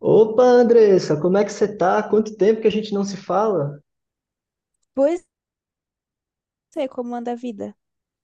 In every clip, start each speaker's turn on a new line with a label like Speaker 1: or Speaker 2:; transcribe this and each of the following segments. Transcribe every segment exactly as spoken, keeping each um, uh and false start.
Speaker 1: Opa, Andressa, como é que você tá? Quanto tempo que a gente não se fala?
Speaker 2: Pois é, como anda a vida.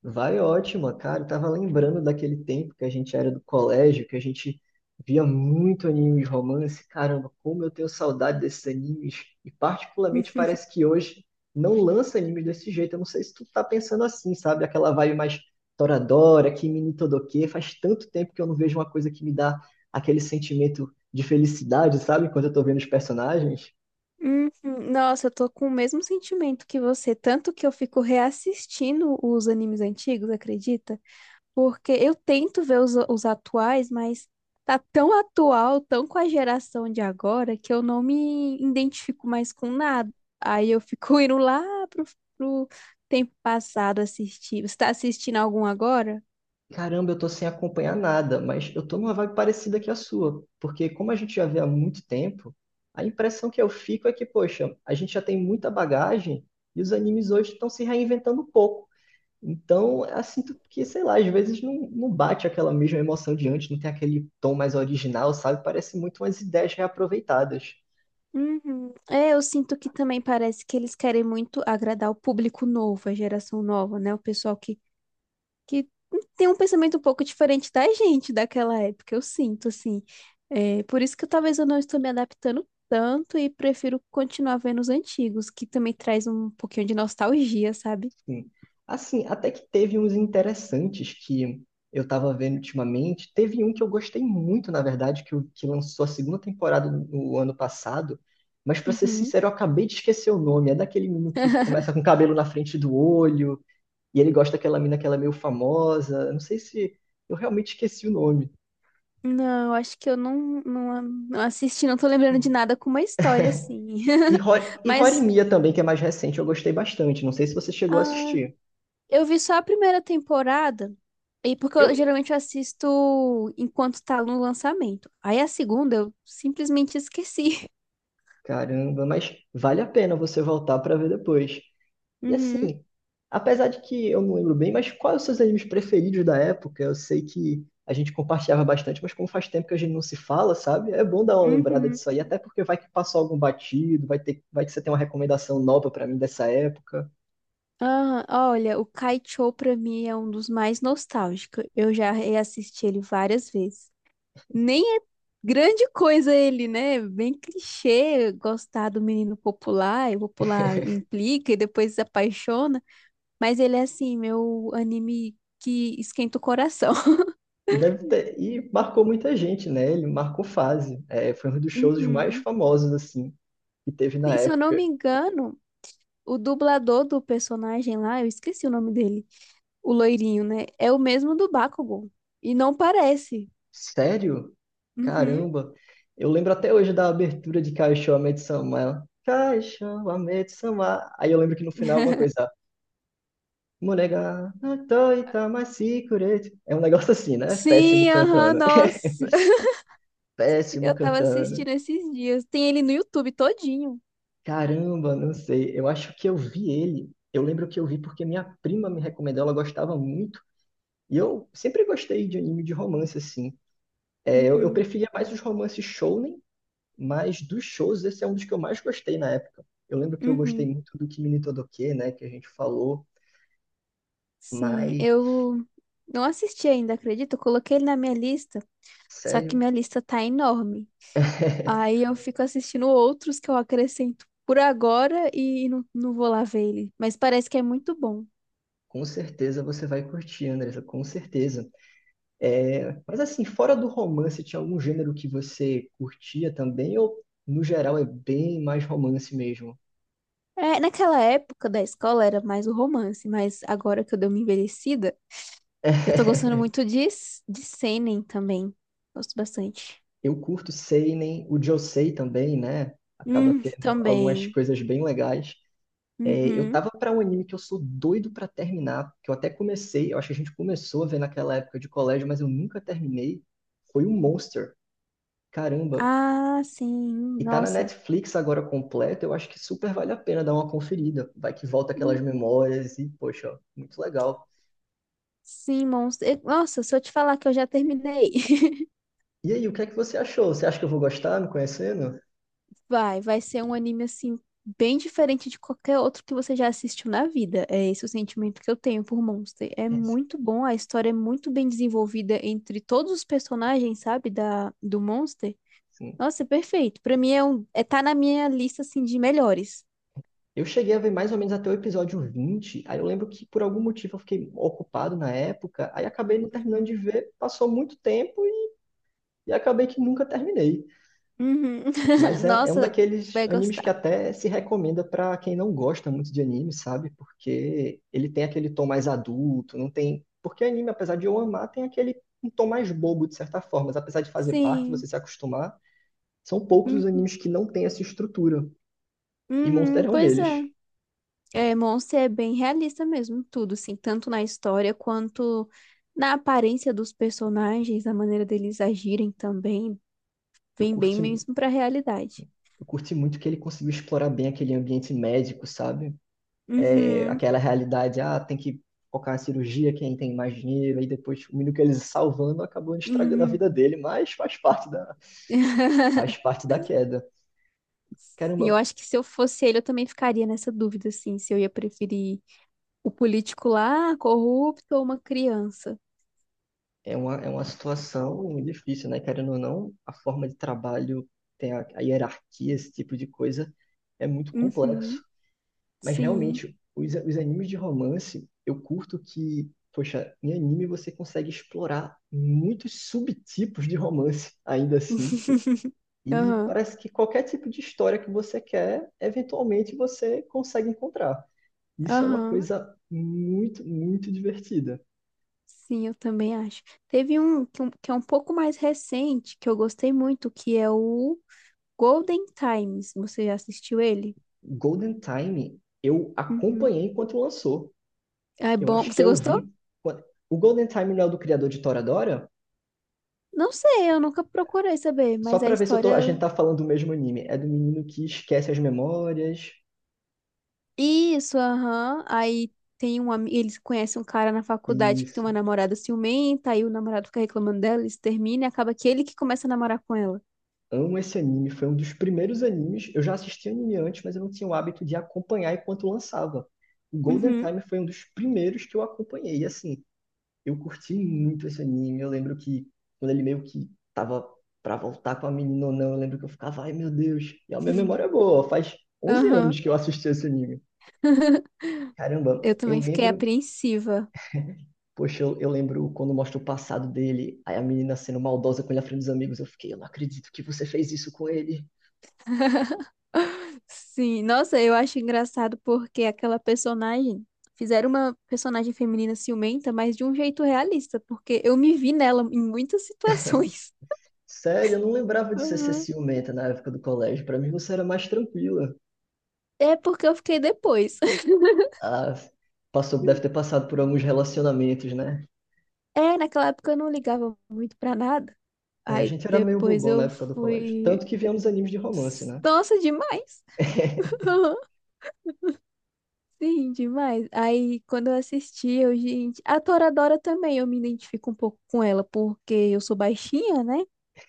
Speaker 1: Vai ótimo, cara. Eu tava lembrando daquele tempo que a gente era do colégio, que a gente via muito anime de romance. Caramba, como eu tenho saudade desses animes. E particularmente parece que hoje não lança animes desse jeito. Eu não sei se tu tá pensando assim, sabe? Aquela vibe mais Toradora, Kimi ni Todoke. Faz tanto tempo que eu não vejo uma coisa que me dá aquele sentimento de felicidade, sabe? Quando eu tô vendo os personagens.
Speaker 2: Uhum. Nossa, eu tô com o mesmo sentimento que você, tanto que eu fico reassistindo os animes antigos, acredita? Porque eu tento ver os, os atuais, mas tá tão atual, tão com a geração de agora, que eu não me identifico mais com nada. Aí eu fico indo lá pro, pro tempo passado assistir. Você tá assistindo algum agora?
Speaker 1: Caramba, eu tô sem acompanhar nada, mas eu tô numa vibe parecida que a sua, porque como a gente já vê há muito tempo, a impressão que eu fico é que, poxa, a gente já tem muita bagagem e os animes hoje estão se reinventando um pouco. Então, eu sinto que, sei lá, às vezes não, não bate aquela mesma emoção de antes, não tem aquele tom mais original, sabe? Parece muito umas ideias reaproveitadas.
Speaker 2: Uhum. É, eu sinto que também parece que eles querem muito agradar o público novo, a geração nova, né? O pessoal que, que tem um pensamento um pouco diferente da gente daquela época, eu sinto, assim. É, por isso que talvez eu não estou me adaptando tanto e prefiro continuar vendo os antigos, que também traz um pouquinho de nostalgia, sabe?
Speaker 1: Sim. Assim, até que teve uns interessantes que eu tava vendo ultimamente. Teve um que eu gostei muito, na verdade, que, o- que lançou a segunda temporada no no ano passado. Mas, pra ser
Speaker 2: Uhum.
Speaker 1: sincero, eu acabei de esquecer o nome. É daquele menino que começa com cabelo na frente do olho, e ele gosta daquela mina que ela é meio famosa. Eu não sei se eu realmente esqueci o nome.
Speaker 2: Não, acho que eu não, não, não assisti, não tô lembrando de nada com uma história assim.
Speaker 1: E, Ho e
Speaker 2: Mas,
Speaker 1: Horimiya também, que é mais recente, eu gostei bastante. Não sei se você chegou a
Speaker 2: ah,
Speaker 1: assistir.
Speaker 2: eu vi só a primeira temporada, e porque
Speaker 1: Eu,
Speaker 2: eu geralmente eu assisto enquanto tá no lançamento. Aí a segunda eu simplesmente esqueci.
Speaker 1: Caramba, mas vale a pena você voltar pra ver depois. E
Speaker 2: Uhum,
Speaker 1: assim, apesar de que eu não lembro bem, mas quais os seus animes preferidos da época? Eu sei que a gente compartilhava bastante, mas como faz tempo que a gente não se fala, sabe? É bom dar uma lembrada
Speaker 2: uhum.
Speaker 1: disso aí, até porque vai que passou algum batido, vai ter, vai que você tem uma recomendação nova pra mim dessa época.
Speaker 2: Ah, olha, o Kai Cho pra mim é um dos mais nostálgicos. Eu já reassisti ele várias vezes. Nem é grande coisa ele, né? Bem clichê gostar do menino popular, e o popular implica e depois se apaixona. Mas ele é assim, meu anime que esquenta o coração.
Speaker 1: E deve ter, e marcou muita gente, né? Ele marcou fase. É, foi um dos shows mais
Speaker 2: Uhum.
Speaker 1: famosos assim que teve na
Speaker 2: E se eu não
Speaker 1: época.
Speaker 2: me engano, o dublador do personagem lá, eu esqueci o nome dele, o loirinho, né? É o mesmo do Bakugan. E não parece.
Speaker 1: Sério?
Speaker 2: Uhum.
Speaker 1: Caramba! Eu lembro até hoje da abertura de Kaixo Sama. Ela, Kaixo Sama. Aí eu lembro que no final alguma coisa. Monega, natoi tamasi kuretsu." É um negócio assim, né? Péssimo
Speaker 2: Sim, aham,
Speaker 1: cantando.
Speaker 2: nossa.
Speaker 1: Péssimo
Speaker 2: Eu tava
Speaker 1: cantando.
Speaker 2: assistindo esses dias. Tem ele no YouTube todinho.
Speaker 1: Caramba, não sei. Eu acho que eu vi ele. Eu lembro que eu vi porque minha prima me recomendou, ela gostava muito. E eu sempre gostei de anime de romance, assim. É, eu, eu
Speaker 2: Uhum,
Speaker 1: preferia mais os romances shonen. Mas dos shows, esse é um dos que eu mais gostei na época. Eu lembro que eu gostei
Speaker 2: uhum.
Speaker 1: muito do Kimi ni Todoke, né, que a gente falou,
Speaker 2: Sim,
Speaker 1: mas,
Speaker 2: eu não assisti ainda, acredito. Eu coloquei ele na minha lista, só que
Speaker 1: sério,
Speaker 2: minha lista tá enorme. Aí eu fico assistindo outros que eu acrescento por agora e não, não vou lá ver ele. Mas parece que é muito bom.
Speaker 1: com certeza você vai curtir, Andressa, com certeza. É, mas assim, fora do romance, tinha algum gênero que você curtia também, ou no geral é bem mais romance mesmo?
Speaker 2: É, naquela época da escola era mais o romance, mas agora que eu dei uma envelhecida, eu tô gostando muito de, s- de seinen também. Gosto bastante.
Speaker 1: Eu curto seinen, o Josei também, né? Acaba
Speaker 2: Hum,
Speaker 1: tendo algumas
Speaker 2: também.
Speaker 1: coisas bem legais. É, eu
Speaker 2: Uhum.
Speaker 1: tava pra um anime que eu sou doido pra terminar, que eu até comecei, eu acho que a gente começou a ver naquela época de colégio, mas eu nunca terminei. Foi o Monster. Caramba.
Speaker 2: Ah, sim.
Speaker 1: E tá na
Speaker 2: Nossa.
Speaker 1: Netflix agora completo, eu acho que super vale a pena dar uma conferida. Vai que volta aquelas
Speaker 2: Hum,
Speaker 1: memórias e, poxa, ó, muito legal.
Speaker 2: Sim, monstro. Eu- Nossa, se eu te falar que eu já terminei.
Speaker 1: E aí, o que é que você achou? Você acha que eu vou gostar me conhecendo?
Speaker 2: Vai, vai ser um anime assim bem diferente de qualquer outro que você já assistiu na vida. É esse o sentimento que eu tenho por Monster. É
Speaker 1: É,
Speaker 2: muito bom, a história é muito bem desenvolvida entre todos os personagens, sabe, da do Monster.
Speaker 1: sim.
Speaker 2: Nossa, é perfeito. Pra mim é um é tá na minha lista assim de melhores.
Speaker 1: Eu cheguei a ver mais ou menos até o episódio vinte. Aí eu lembro que por algum motivo eu fiquei ocupado na época, aí acabei não terminando de ver, passou muito tempo e acabei que nunca terminei.
Speaker 2: Uhum.
Speaker 1: Mas é, é um
Speaker 2: Nossa,
Speaker 1: daqueles
Speaker 2: vai
Speaker 1: animes que
Speaker 2: gostar.
Speaker 1: até se recomenda para quem não gosta muito de anime, sabe? Porque ele tem aquele tom mais adulto, não tem. Porque anime, apesar de eu amar, tem aquele um tom mais bobo, de certa forma. Mas apesar de fazer parte, você
Speaker 2: Sim.
Speaker 1: se acostumar, são poucos os
Speaker 2: Uhum.
Speaker 1: animes que não têm essa estrutura. E Monster
Speaker 2: Uhum,
Speaker 1: é um
Speaker 2: pois
Speaker 1: deles.
Speaker 2: é. É, Monster é bem realista mesmo, tudo, assim, tanto na história quanto na aparência dos personagens, a maneira deles agirem também,
Speaker 1: Eu
Speaker 2: vem bem
Speaker 1: curti,
Speaker 2: mesmo pra realidade.
Speaker 1: eu curti muito que ele conseguiu explorar bem aquele ambiente médico, sabe? É,
Speaker 2: Uhum,
Speaker 1: aquela realidade, ah, tem que focar na cirurgia, quem tem mais dinheiro, e depois o menino que eles salvando acabou estragando a
Speaker 2: uhum.
Speaker 1: vida dele, mas faz parte da, faz parte da queda.
Speaker 2: E
Speaker 1: Caramba,
Speaker 2: eu acho que se eu fosse ele, eu também ficaria nessa dúvida, assim, se eu ia preferir o político lá, corrupto, ou uma criança.
Speaker 1: é uma, é uma situação difícil, né? Querendo ou não, a forma de trabalho, tem a, a hierarquia, esse tipo de coisa, é muito complexo.
Speaker 2: Uhum,
Speaker 1: Mas
Speaker 2: sim.
Speaker 1: realmente, os, os animes de romance, eu curto que, poxa, em anime você consegue explorar muitos subtipos de romance, ainda assim. E
Speaker 2: Aham,
Speaker 1: parece que qualquer tipo de história que você quer, eventualmente você consegue encontrar. Isso é uma
Speaker 2: aham.
Speaker 1: coisa muito, muito divertida.
Speaker 2: Sim, eu também acho. Teve um que um- que é um pouco mais recente, que eu gostei muito, que é o Golden Times. Você já assistiu ele?
Speaker 1: Golden Time, eu
Speaker 2: Uhum.
Speaker 1: acompanhei enquanto lançou.
Speaker 2: É
Speaker 1: Eu
Speaker 2: bom.
Speaker 1: acho que
Speaker 2: Você
Speaker 1: eu
Speaker 2: gostou?
Speaker 1: vi. quando- O Golden Time não é o do criador de Toradora?
Speaker 2: Não sei, eu nunca procurei saber,
Speaker 1: Só
Speaker 2: mas a
Speaker 1: para ver se eu tô... a
Speaker 2: história.
Speaker 1: gente tá falando do mesmo anime. É do menino que esquece as memórias.
Speaker 2: Isso, aham. Aí tem um amigo. Eles conhecem um cara na faculdade que tem
Speaker 1: Isso.
Speaker 2: uma namorada ciumenta, aí o namorado fica reclamando dela, eles terminam e acaba que ele que começa a namorar com ela.
Speaker 1: Amo esse anime, foi um dos primeiros animes. Eu já assisti anime antes, mas eu não tinha o hábito de acompanhar enquanto lançava. O Golden
Speaker 2: Uhum.
Speaker 1: Time foi um dos primeiros que eu acompanhei. E assim, eu curti muito esse anime. Eu lembro que quando ele meio que tava pra voltar com a menina ou não, eu lembro que eu ficava, ai meu Deus. E a minha memória é boa, faz onze anos
Speaker 2: Aham.
Speaker 1: que eu assisti esse anime. Caramba,
Speaker 2: Eu
Speaker 1: eu
Speaker 2: também fiquei
Speaker 1: lembro,
Speaker 2: apreensiva.
Speaker 1: poxa, eu, eu lembro quando mostra o passado dele, aí a menina sendo maldosa com ele à frente dos amigos. Eu fiquei, eu não acredito que você fez isso com ele.
Speaker 2: Sim, nossa, eu acho engraçado porque aquela personagem. Fizeram uma personagem feminina ciumenta, mas de um jeito realista, porque eu me vi nela em muitas situações.
Speaker 1: Sério, eu não lembrava de você ser
Speaker 2: Aham.
Speaker 1: ciumenta na época do colégio. Pra mim você era mais tranquila.
Speaker 2: É porque eu fiquei depois.
Speaker 1: Ah, passou, deve ter passado por alguns relacionamentos, né?
Speaker 2: É, naquela época eu não ligava muito pra nada.
Speaker 1: É, a
Speaker 2: Aí
Speaker 1: gente era meio
Speaker 2: depois
Speaker 1: bobão na
Speaker 2: eu
Speaker 1: época do colégio.
Speaker 2: fui.
Speaker 1: Tanto que viemos animes de romance, né?
Speaker 2: Nossa, demais! Sim, demais. Aí, quando eu assisti, eu, gente, a Toradora também, eu me identifico um pouco com ela, porque eu sou baixinha, né?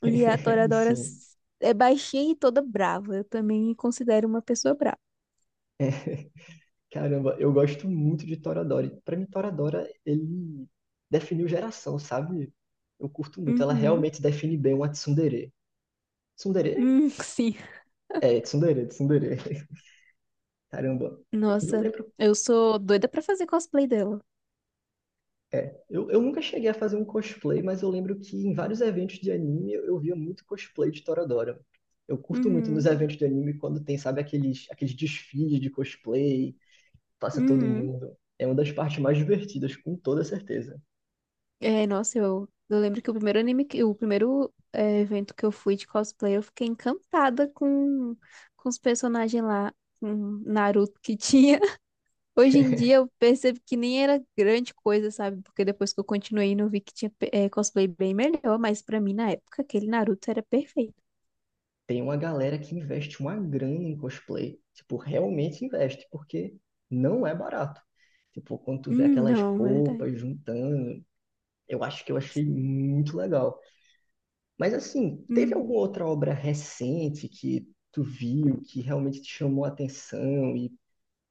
Speaker 2: E a Toradora
Speaker 1: Sim.
Speaker 2: s- é baixinha e toda brava. Eu também me considero uma pessoa brava.
Speaker 1: Caramba, eu gosto muito de Toradora. E pra mim, Toradora, ele definiu geração, sabe? Eu curto muito. Ela
Speaker 2: Uhum.
Speaker 1: realmente define bem uma tsundere. Tsundere?
Speaker 2: Hum, sim.
Speaker 1: É, tsundere, tsundere. Caramba. E eu
Speaker 2: Nossa,
Speaker 1: lembro.
Speaker 2: eu sou doida pra fazer cosplay dela.
Speaker 1: É, eu, eu nunca cheguei a fazer um cosplay, mas eu lembro que em vários eventos de anime eu, eu via muito cosplay de Toradora. Eu curto muito nos
Speaker 2: Uhum.
Speaker 1: eventos de anime quando tem, sabe, aqueles, aqueles desfiles de cosplay, passa todo
Speaker 2: Uhum.
Speaker 1: mundo. É uma das partes mais divertidas, com toda certeza.
Speaker 2: É, nossa, eu, eu lembro que o primeiro anime, que- o primeiro é, evento que eu fui de cosplay, eu fiquei encantada com, com os personagens lá, com Naruto que tinha. Hoje em dia eu percebo que nem era grande coisa, sabe? Porque depois que eu continuei, não vi que tinha eh, cosplay bem melhor, mas pra mim na época aquele Naruto era perfeito.
Speaker 1: Tem uma galera que investe uma grana em cosplay. Tipo, realmente investe, porque não é barato. Tipo, quando tu vê
Speaker 2: Hum,
Speaker 1: aquelas
Speaker 2: não, verdade.
Speaker 1: roupas juntando, eu acho que eu achei muito legal. Mas assim, teve
Speaker 2: Uhum,
Speaker 1: alguma outra obra recente que tu viu, que realmente te chamou a atenção e,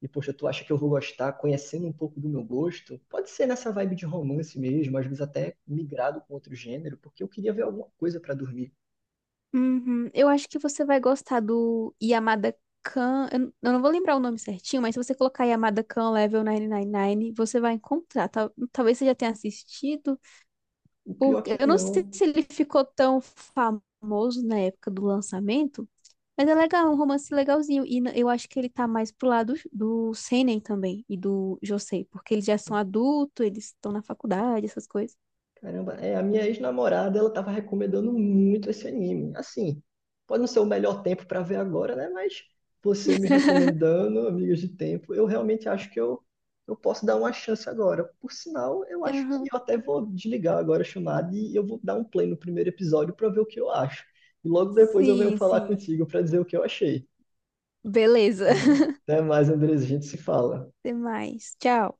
Speaker 1: e poxa, tu acha que eu vou gostar, conhecendo um pouco do meu gosto? Pode ser nessa vibe de romance mesmo, às vezes até migrado com outro gênero, porque eu queria ver alguma coisa para dormir.
Speaker 2: uhum. Eu acho que você vai gostar do Yamada Kan. Eu n- eu não vou lembrar o nome certinho, mas se você colocar Yamada Kan Level novecentos e noventa e nove, você vai encontrar. Tal- Talvez você já tenha assistido,
Speaker 1: O pior é
Speaker 2: porque
Speaker 1: que
Speaker 2: eu não sei
Speaker 1: não.
Speaker 2: se ele ficou tão famoso na época do lançamento. Mas é legal, é um romance legalzinho. E n- eu acho que ele tá mais pro lado do Senen também e do Josei, porque eles já são adultos, eles estão na faculdade, essas coisas.
Speaker 1: Caramba, é, a minha ex-namorada, ela tava recomendando muito esse anime. Assim, pode não ser o melhor tempo para ver agora, né? Mas você me recomendando, amigos de tempo, eu realmente acho que eu, eu posso dar uma chance agora. Por sinal, eu acho que
Speaker 2: Aham.
Speaker 1: eu até vou desligar agora a chamada e eu vou dar um play no primeiro episódio para ver o que eu acho. E logo depois eu venho
Speaker 2: Sim,
Speaker 1: falar
Speaker 2: sim.
Speaker 1: contigo para dizer o que eu achei.
Speaker 2: Beleza.
Speaker 1: Tá bom? Até mais, Andres, a gente se fala.
Speaker 2: Até mais. Tchau.